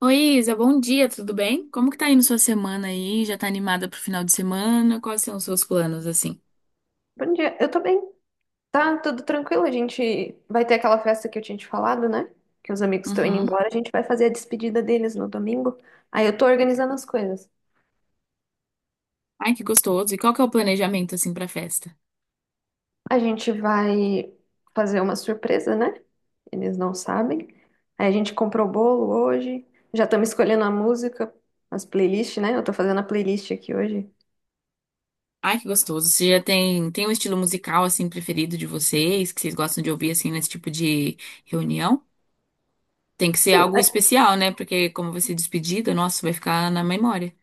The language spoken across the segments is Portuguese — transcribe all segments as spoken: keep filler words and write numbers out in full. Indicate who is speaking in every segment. Speaker 1: Oi, Isa, bom dia, tudo bem? Como que tá indo sua semana aí? Já tá animada pro final de semana? Quais são os seus planos, assim?
Speaker 2: Bom dia, eu tô bem. Tá tudo tranquilo, a gente vai ter aquela festa que eu tinha te falado, né? Que os amigos estão indo
Speaker 1: Uhum.
Speaker 2: embora, a gente vai fazer a despedida deles no domingo. Aí eu tô organizando as coisas.
Speaker 1: Ai, que gostoso. E qual que é o planejamento, assim, pra festa?
Speaker 2: A gente vai fazer uma surpresa, né? Eles não sabem. Aí a gente comprou o bolo hoje, já estamos escolhendo a música, as playlists, né? Eu tô fazendo a playlist aqui hoje.
Speaker 1: Ai, que gostoso. Você já tem, tem um estilo musical, assim, preferido de vocês, que vocês gostam de ouvir, assim, nesse tipo de reunião? Tem que ser
Speaker 2: Sim,
Speaker 1: algo
Speaker 2: a
Speaker 1: especial, né? Porque como vai ser despedida, nossa, vai ficar na memória.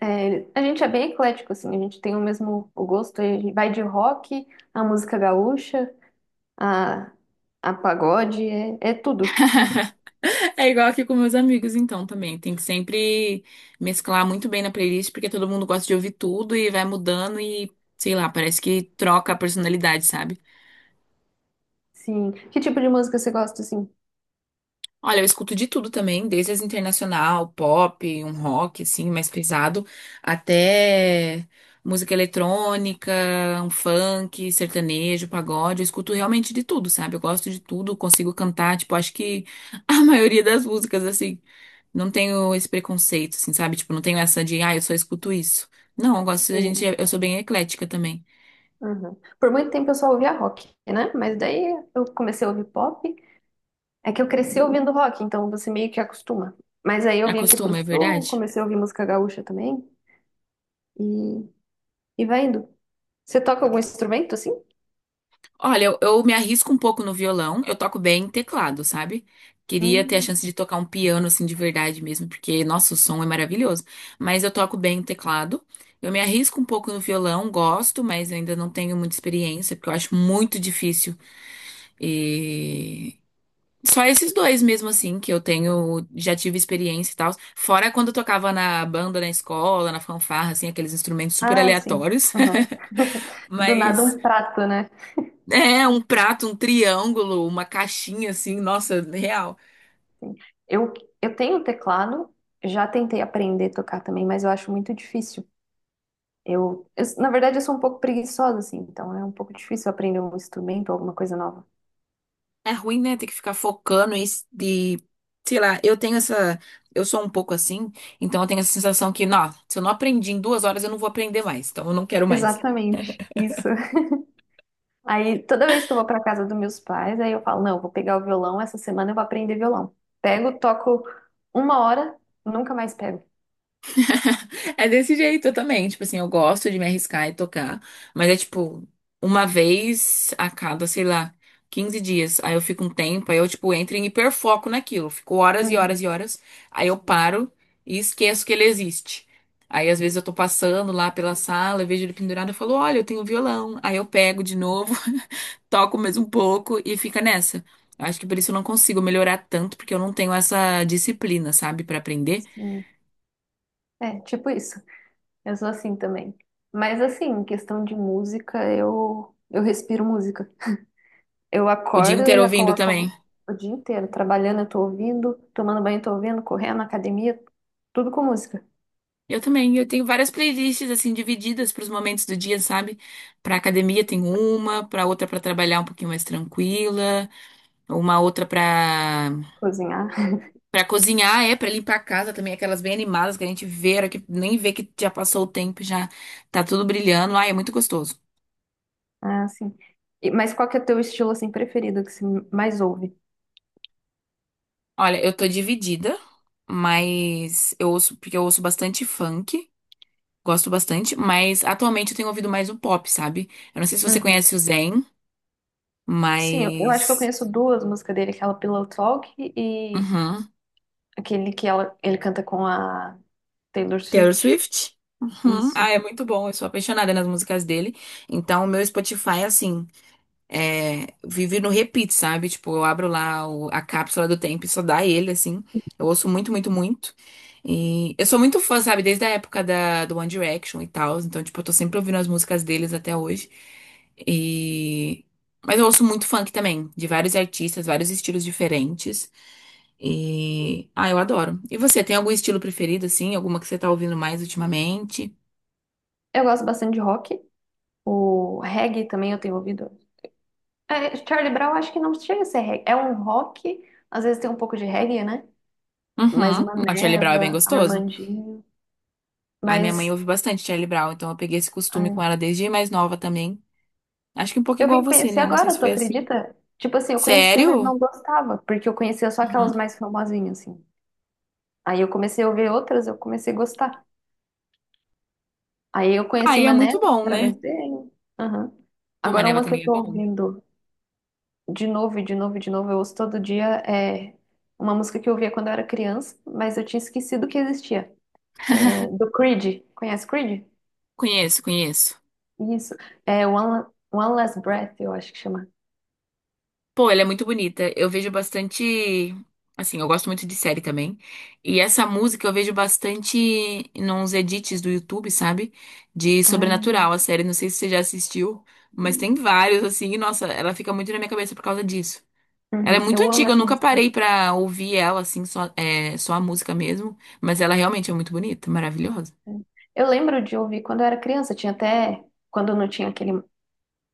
Speaker 2: é, a gente é bem eclético, assim, a gente tem o mesmo o gosto, a gente vai de rock, a música gaúcha, a, a pagode, é, é tudo.
Speaker 1: É igual aqui com meus amigos, então, também. Tem que sempre mesclar muito bem na playlist, porque todo mundo gosta de ouvir tudo e vai mudando e, sei lá, parece que troca a personalidade, sabe?
Speaker 2: Sim. Que tipo de música você gosta, assim?
Speaker 1: Olha, eu escuto de tudo também, desde as internacional, pop, um rock assim, mais pesado, até música eletrônica, um funk, sertanejo, pagode. Eu escuto realmente de tudo, sabe? Eu gosto de tudo, consigo cantar, tipo, acho que a maioria das músicas assim, não tenho esse preconceito, assim, sabe? Tipo, não tenho essa de, ah, eu só escuto isso. Não, eu gosto. A gente,
Speaker 2: Sim.
Speaker 1: eu sou bem eclética também.
Speaker 2: Uhum. Por muito tempo eu só ouvia rock, né? Mas daí eu comecei a ouvir pop. É que eu cresci ouvindo rock, então você meio que acostuma. Mas aí eu vim aqui pro
Speaker 1: Acostuma, é
Speaker 2: sul,
Speaker 1: verdade?
Speaker 2: comecei a ouvir música gaúcha também. E, e vai indo. Você toca algum instrumento, assim?
Speaker 1: Olha, eu, eu me arrisco um pouco no violão, eu toco bem teclado, sabe? Queria ter a
Speaker 2: Hum.
Speaker 1: chance de tocar um piano assim de verdade mesmo, porque nossa, o som é maravilhoso. Mas eu toco bem o teclado. Eu me arrisco um pouco no violão, gosto, mas eu ainda não tenho muita experiência, porque eu acho muito difícil. E só esses dois mesmo assim que eu tenho, já tive experiência e tal. Fora quando eu tocava na banda, na escola, na fanfarra, assim, aqueles instrumentos super
Speaker 2: Ah, sim.
Speaker 1: aleatórios.
Speaker 2: Aham. Do nada
Speaker 1: Mas
Speaker 2: um prato, né?
Speaker 1: é, um prato, um triângulo, uma caixinha assim, nossa, real.
Speaker 2: Eu, eu tenho um teclado, já tentei aprender a tocar também, mas eu acho muito difícil. Eu, eu, na verdade, eu sou um pouco preguiçosa, assim, então é um pouco difícil aprender um instrumento ou alguma coisa nova.
Speaker 1: É ruim, né, ter que ficar focando isso de, sei lá, eu tenho essa, eu sou um pouco assim, então eu tenho essa sensação que, não, se eu não aprendi em duas horas, eu não vou aprender mais, então eu não quero mais.
Speaker 2: Exatamente, isso. Aí, toda vez que eu vou para casa dos meus pais, aí eu falo, não, eu vou pegar o violão, essa semana eu vou aprender violão. Pego, toco uma hora, nunca mais pego.
Speaker 1: É desse jeito, eu também. Tipo assim, eu gosto de me arriscar e tocar, mas é tipo, uma vez a cada, sei lá, quinze dias. Aí eu fico um tempo, aí eu, tipo, entro em hiperfoco naquilo. Fico horas e horas
Speaker 2: Uhum.
Speaker 1: e horas. Aí eu paro e esqueço que ele existe. Aí às vezes eu tô passando lá pela sala, eu vejo ele pendurado, e falo, olha, eu tenho violão. Aí eu pego de novo, toco mais um pouco e fica nessa. Acho que por isso eu não consigo melhorar tanto, porque eu não tenho essa disciplina, sabe, pra aprender.
Speaker 2: Sim. É, tipo isso. Eu sou assim também. Mas assim, em questão de música, eu eu respiro música. Eu
Speaker 1: O dia
Speaker 2: acordo, eu
Speaker 1: inteiro
Speaker 2: já
Speaker 1: ouvindo
Speaker 2: coloco
Speaker 1: também.
Speaker 2: algo- o dia inteiro trabalhando, eu tô ouvindo, tomando banho, eu tô ouvindo, correndo, academia, tudo com música.
Speaker 1: Eu também, eu tenho várias playlists assim divididas para os momentos do dia, sabe? Para academia tem uma, para outra para trabalhar um pouquinho mais tranquila, uma outra para
Speaker 2: Cozinhar,
Speaker 1: para cozinhar, é para limpar a casa também, aquelas bem animadas que a gente vê, a hora que nem vê que já passou o tempo, e já tá tudo brilhando. Ai, é muito gostoso.
Speaker 2: ah, sim. E- mas qual que é o teu estilo assim preferido que você mais ouve?
Speaker 1: Olha, eu tô dividida, mas eu ouço porque eu ouço bastante funk, gosto bastante, mas atualmente eu tenho ouvido mais o pop, sabe? Eu não sei se você
Speaker 2: Uhum.
Speaker 1: conhece o Zayn,
Speaker 2: Sim, eu, eu acho que eu
Speaker 1: mas
Speaker 2: conheço duas músicas dele, aquela Pillow Talk e
Speaker 1: Uhum.
Speaker 2: aquele que ela, ele canta com a Taylor
Speaker 1: Taylor
Speaker 2: Swift.
Speaker 1: Swift? Uhum.
Speaker 2: Isso.
Speaker 1: Ah, é muito bom. Eu sou apaixonada nas músicas dele. Então, o meu Spotify, assim, é, vive no repeat, sabe? Tipo, eu abro lá o- a cápsula do tempo e só dá ele, assim. Eu ouço muito, muito, muito. E eu sou muito fã, sabe? Desde a época da, do One Direction e tal. Então, tipo, eu tô sempre ouvindo as músicas deles até hoje. E... Mas eu ouço muito funk também, de vários artistas, vários estilos diferentes. E. Ah, eu adoro. E você, tem algum estilo preferido, assim? Alguma que você tá ouvindo mais ultimamente?
Speaker 2: Eu gosto bastante de rock. O reggae também eu tenho ouvido. É, Charlie Brown acho que não chega a ser reggae. É um rock, às vezes tem um pouco de reggae, né? Mais
Speaker 1: Uhum.
Speaker 2: uma
Speaker 1: Não, Charlie Brown é bem
Speaker 2: Neva,
Speaker 1: gostoso.
Speaker 2: Armandinho.
Speaker 1: Ai, minha mãe
Speaker 2: Mas
Speaker 1: ouve bastante Charlie Brown, então eu peguei esse costume com
Speaker 2: ai,
Speaker 1: ela desde mais nova também. Acho que um pouco
Speaker 2: eu
Speaker 1: igual
Speaker 2: vim
Speaker 1: você,
Speaker 2: conhecer
Speaker 1: né? Não sei
Speaker 2: agora,
Speaker 1: se
Speaker 2: tu
Speaker 1: foi assim.
Speaker 2: acredita? Tipo assim, eu conhecia, mas
Speaker 1: Sério?
Speaker 2: não gostava, porque eu conhecia só
Speaker 1: Uhum.
Speaker 2: aquelas mais famosinhas, assim. Aí eu comecei a ouvir outras, eu comecei a gostar. Aí eu conheci
Speaker 1: Aí é
Speaker 2: Mané
Speaker 1: muito bom, né?
Speaker 2: através dele. Aham.
Speaker 1: Pô,
Speaker 2: Agora
Speaker 1: Maneva
Speaker 2: uma que eu
Speaker 1: também é
Speaker 2: tô
Speaker 1: bom.
Speaker 2: ouvindo de novo, e de novo, e de novo, eu ouço todo dia é uma música que eu ouvia quando eu era criança, mas eu tinha esquecido que existia. É do Creed. Conhece Creed?
Speaker 1: Conheço, conheço.
Speaker 2: Isso. É One, One Last Breath, eu acho que chama.
Speaker 1: Pô, ela é muito bonita. Eu vejo bastante. Assim, eu gosto muito de série também. E essa música eu vejo bastante nos edits do YouTube, sabe? De
Speaker 2: Ah,
Speaker 1: Sobrenatural, a série. Não sei se você já assistiu, mas tem vários, assim. E, nossa, ela fica muito na minha cabeça por causa disso. Ela é
Speaker 2: uhum.
Speaker 1: muito
Speaker 2: Eu amo
Speaker 1: antiga, eu
Speaker 2: essa
Speaker 1: nunca
Speaker 2: música.
Speaker 1: parei pra ouvir ela, assim, só, é, só a música mesmo. Mas ela realmente é muito bonita, maravilhosa.
Speaker 2: Eu lembro de ouvir quando eu era criança, tinha até quando não tinha aquele,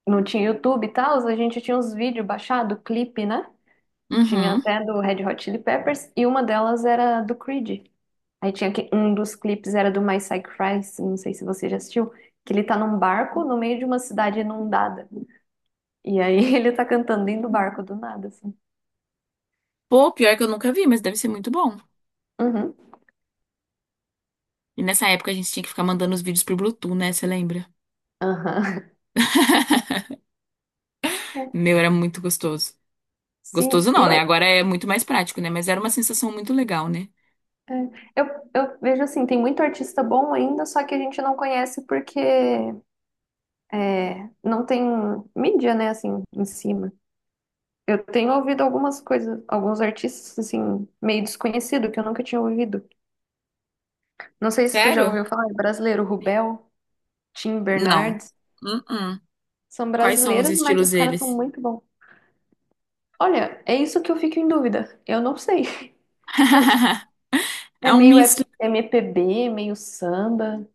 Speaker 2: não tinha YouTube e tal, a gente tinha uns vídeos baixados, clipe, né? Tinha
Speaker 1: Uhum.
Speaker 2: até do Red Hot Chili Peppers e uma delas era do Creed. Aí tinha que um dos clipes era do My Psych Crisis, não sei se você já assistiu, que ele tá num barco no meio de uma cidade inundada. E aí ele tá cantando dentro do barco do nada, assim.
Speaker 1: Pô, pior que eu nunca vi, mas deve ser muito bom.
Speaker 2: Uhum.
Speaker 1: E nessa época a gente tinha que ficar mandando os vídeos pro Bluetooth, né? Você lembra?
Speaker 2: Aham. É.
Speaker 1: Meu, era muito gostoso.
Speaker 2: Sim,
Speaker 1: Gostoso
Speaker 2: e
Speaker 1: não, né?
Speaker 2: eu,
Speaker 1: Agora é muito mais prático, né? Mas era uma sensação muito legal, né?
Speaker 2: É, Eu, eu vejo assim, tem muito artista bom ainda, só que a gente não conhece porque é, não tem mídia, né, assim, em cima. Eu tenho ouvido algumas coisas, alguns artistas, assim, meio desconhecido, que eu nunca tinha ouvido. Não sei se tu já
Speaker 1: Sério?
Speaker 2: ouviu falar, é brasileiro, Rubel, Tim
Speaker 1: Não.
Speaker 2: Bernardes.
Speaker 1: Uh-uh.
Speaker 2: São
Speaker 1: Quais são os
Speaker 2: brasileiros, mas
Speaker 1: estilos
Speaker 2: os caras são
Speaker 1: deles?
Speaker 2: muito bons. Olha, é isso que eu fico em dúvida. Eu não sei. É é
Speaker 1: É um
Speaker 2: meio
Speaker 1: misto.
Speaker 2: M P B, meio samba,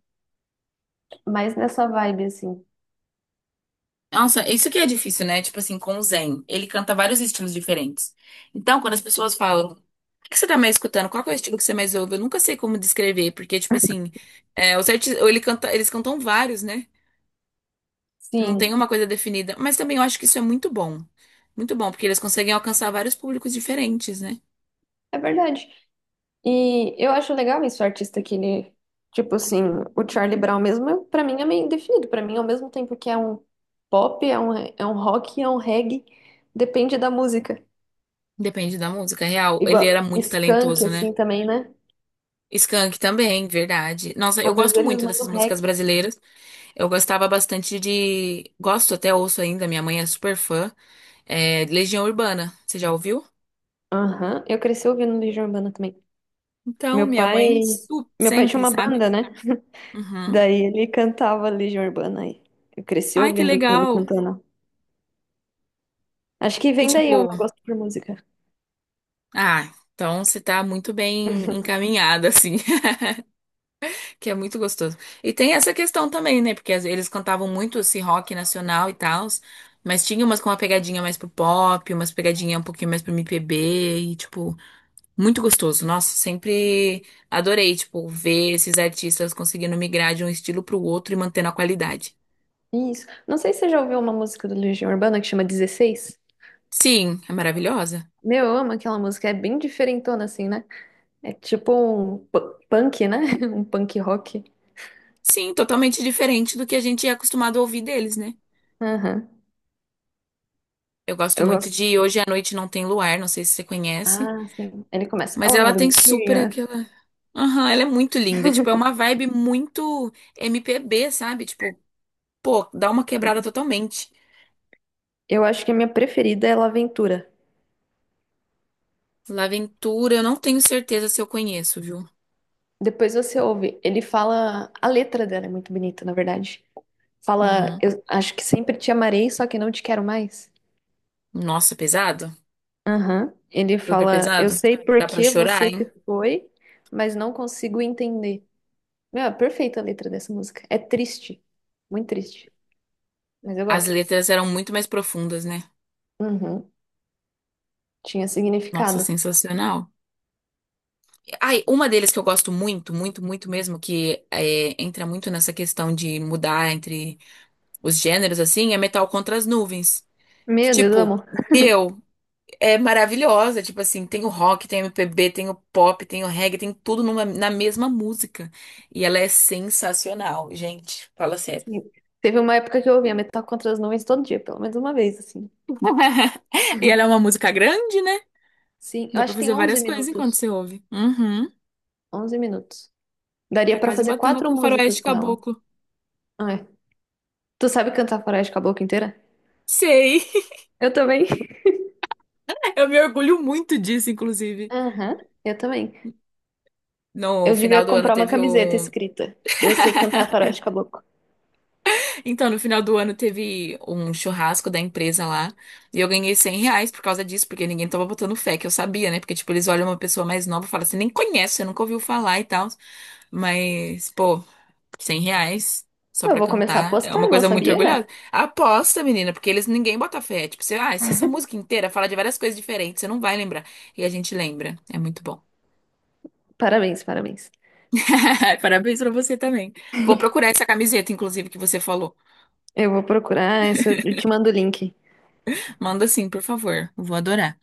Speaker 2: mais nessa vibe, assim.
Speaker 1: Nossa, isso que é difícil, né? Tipo assim, com o Zen. Ele canta vários estilos diferentes. Então, quando as pessoas falam, o que que você tá mais escutando? Qual que é o estilo que você mais ouve? Eu nunca sei como descrever, porque, tipo assim, é, os arti- ou ele canta, eles cantam vários, né? Não
Speaker 2: Sim,
Speaker 1: tem uma coisa definida. Mas também eu acho que isso é muito bom. Muito bom, porque eles conseguem alcançar vários públicos diferentes, né?
Speaker 2: é verdade. E eu acho legal isso, o artista que ele, tipo assim, o Charlie Brown mesmo, eu- pra mim é meio definido, pra mim ao mesmo tempo que é um pop, é um, é um rock, é um reggae, depende da música.
Speaker 1: Depende da música. É real, ele era
Speaker 2: Igual
Speaker 1: muito
Speaker 2: Skank,
Speaker 1: talentoso, né?
Speaker 2: assim, também, né?
Speaker 1: Skank também, verdade. Nossa, eu
Speaker 2: Às vezes
Speaker 1: gosto
Speaker 2: eles
Speaker 1: muito
Speaker 2: mandam
Speaker 1: dessas músicas
Speaker 2: reggae.
Speaker 1: brasileiras. Eu gostava bastante de. Gosto, até ouço ainda, minha mãe é super fã. É Legião Urbana. Você já ouviu?
Speaker 2: Aham, eu cresci ouvindo Legião Urbana também.
Speaker 1: Então,
Speaker 2: Meu
Speaker 1: minha
Speaker 2: pai,
Speaker 1: mãe su-
Speaker 2: meu pai tinha
Speaker 1: sempre,
Speaker 2: uma
Speaker 1: sabe?
Speaker 2: banda, né?
Speaker 1: Uhum.
Speaker 2: Daí ele cantava Legião Urbana aí. Eu cresci
Speaker 1: Ai, que
Speaker 2: ouvindo com ele
Speaker 1: legal.
Speaker 2: cantando. Acho que
Speaker 1: E
Speaker 2: vem
Speaker 1: tipo,
Speaker 2: daí o meu gosto por música.
Speaker 1: ah, então você tá muito bem encaminhada, assim. Que é muito gostoso. E tem essa questão também, né? Porque às- eles cantavam muito esse rock nacional e tal, mas tinha umas com uma pegadinha mais pro pop, umas pegadinha um pouquinho mais pro M P B, e, tipo, muito gostoso. Nossa, sempre adorei, tipo, ver esses artistas conseguindo migrar de um estilo pro outro e mantendo a qualidade.
Speaker 2: Isso. Não sei se você já ouviu uma música do Legião Urbana que chama dezesseis.
Speaker 1: Sim, é maravilhosa.
Speaker 2: Meu, eu amo aquela música, é bem diferentona assim, né? É tipo um pu- punk, né? Um punk rock.
Speaker 1: Sim, totalmente diferente do que a gente é acostumado a ouvir deles, né?
Speaker 2: Aham.
Speaker 1: Eu gosto
Speaker 2: Eu
Speaker 1: muito
Speaker 2: gosto.
Speaker 1: de Hoje à Noite Não Tem Luar, não sei se você conhece.
Speaker 2: Ah, sim. Ele começa.
Speaker 1: Mas
Speaker 2: Ela não
Speaker 1: ela
Speaker 2: é
Speaker 1: tem super
Speaker 2: bonitinha?
Speaker 1: aquela. Aham, ela é muito linda. Tipo, é uma vibe muito M P B, sabe? Tipo, pô, dá uma quebrada totalmente.
Speaker 2: Eu acho que a minha preferida é La Aventura.
Speaker 1: Laventura, eu não tenho certeza se eu conheço, viu?
Speaker 2: Depois você ouve. Ele fala. A letra dela é muito bonita, na verdade. Fala,
Speaker 1: Uhum.
Speaker 2: eu acho que sempre te amarei, só que não te quero mais.
Speaker 1: Nossa, pesado?
Speaker 2: Aham. Ele
Speaker 1: Super
Speaker 2: fala, eu
Speaker 1: pesado?
Speaker 2: sei por
Speaker 1: Dá pra
Speaker 2: que
Speaker 1: chorar,
Speaker 2: você
Speaker 1: hein?
Speaker 2: se foi, mas não consigo entender. Meu, é perfeita a letra dessa música. É triste, muito triste, mas eu
Speaker 1: As
Speaker 2: gosto.
Speaker 1: letras eram muito mais profundas, né?
Speaker 2: Uhum. Tinha
Speaker 1: Nossa,
Speaker 2: significado.
Speaker 1: sensacional. Ai, uma deles que eu gosto muito, muito, muito mesmo, que é, entra muito nessa questão de mudar entre os gêneros, assim, é Metal contra as Nuvens. Que,
Speaker 2: Meu Deus, eu
Speaker 1: tipo,
Speaker 2: amo.
Speaker 1: meu, é maravilhosa. Tipo assim, tem o rock, tem o M P B, tem o pop, tem o reggae, tem tudo numa- na mesma música. E ela é sensacional, gente. Fala sério.
Speaker 2: Sim. Teve uma época que eu ouvia Metal Contra as Nuvens todo dia, pelo menos uma vez, assim.
Speaker 1: E ela é uma música grande, né?
Speaker 2: Sim, eu
Speaker 1: Dá
Speaker 2: acho
Speaker 1: pra
Speaker 2: que tem
Speaker 1: fazer
Speaker 2: onze
Speaker 1: várias coisas enquanto
Speaker 2: minutos.
Speaker 1: você ouve. Uhum.
Speaker 2: Onze minutos.
Speaker 1: Tá
Speaker 2: Daria pra
Speaker 1: quase
Speaker 2: fazer
Speaker 1: batendo
Speaker 2: quatro
Speaker 1: com
Speaker 2: músicas
Speaker 1: Faroeste
Speaker 2: com ela.
Speaker 1: Caboclo.
Speaker 2: Ah, é. Tu sabe cantar Faroeste com a boca inteira?
Speaker 1: Sei.
Speaker 2: Eu também.
Speaker 1: Eu me orgulho muito disso, inclusive.
Speaker 2: Aham, eu também.
Speaker 1: No
Speaker 2: Eu devia
Speaker 1: final do ano
Speaker 2: comprar uma
Speaker 1: teve
Speaker 2: camiseta
Speaker 1: um.
Speaker 2: escrita. Eu sei cantar Faroeste Caboclo.
Speaker 1: Então, no final do ano teve um churrasco da empresa lá e eu ganhei cem reais por causa disso, porque ninguém tava botando fé, que eu sabia, né? Porque, tipo, eles olham uma pessoa mais nova e falam assim, nem conhece, você nunca ouviu falar e tal. Mas, pô, cem reais só
Speaker 2: Eu
Speaker 1: pra
Speaker 2: vou começar a
Speaker 1: cantar é uma
Speaker 2: postar, não
Speaker 1: coisa muito
Speaker 2: sabia?
Speaker 1: orgulhosa. Aposta, menina, porque eles ninguém bota fé. Tipo, você, ah, se essa música inteira fala de várias coisas diferentes, você não vai lembrar. E a gente lembra. É muito bom.
Speaker 2: Parabéns, parabéns.
Speaker 1: Parabéns pra você também. Vou procurar essa camiseta, inclusive, que você falou.
Speaker 2: Eu vou procurar, esse eu eu te mando o link.
Speaker 1: Manda sim, por favor. Eu vou adorar.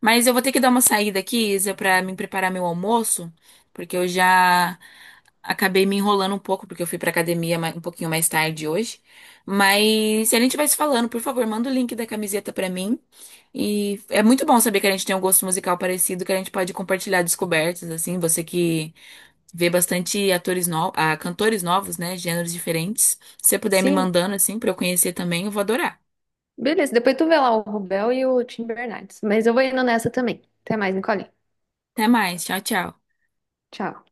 Speaker 1: Mas eu vou ter que dar uma saída aqui, Isa, pra me preparar meu almoço, porque eu já acabei me enrolando um pouco, porque eu fui pra academia ma- um pouquinho mais tarde hoje. Mas se a gente vai se falando, por favor, manda o link da camiseta pra mim. E é muito bom saber que a gente tem um gosto musical parecido, que a gente pode compartilhar descobertas, assim, você que vê bastante atores novos, ah, cantores novos, né, gêneros diferentes. Se você puder me
Speaker 2: Sim,
Speaker 1: mandando, assim, pra eu conhecer também, eu vou adorar.
Speaker 2: beleza. Depois tu vê lá o Rubel e o Tim Bernardes. Mas eu vou indo nessa também. Até mais, Nicole.
Speaker 1: Até mais, tchau, tchau.
Speaker 2: Tchau.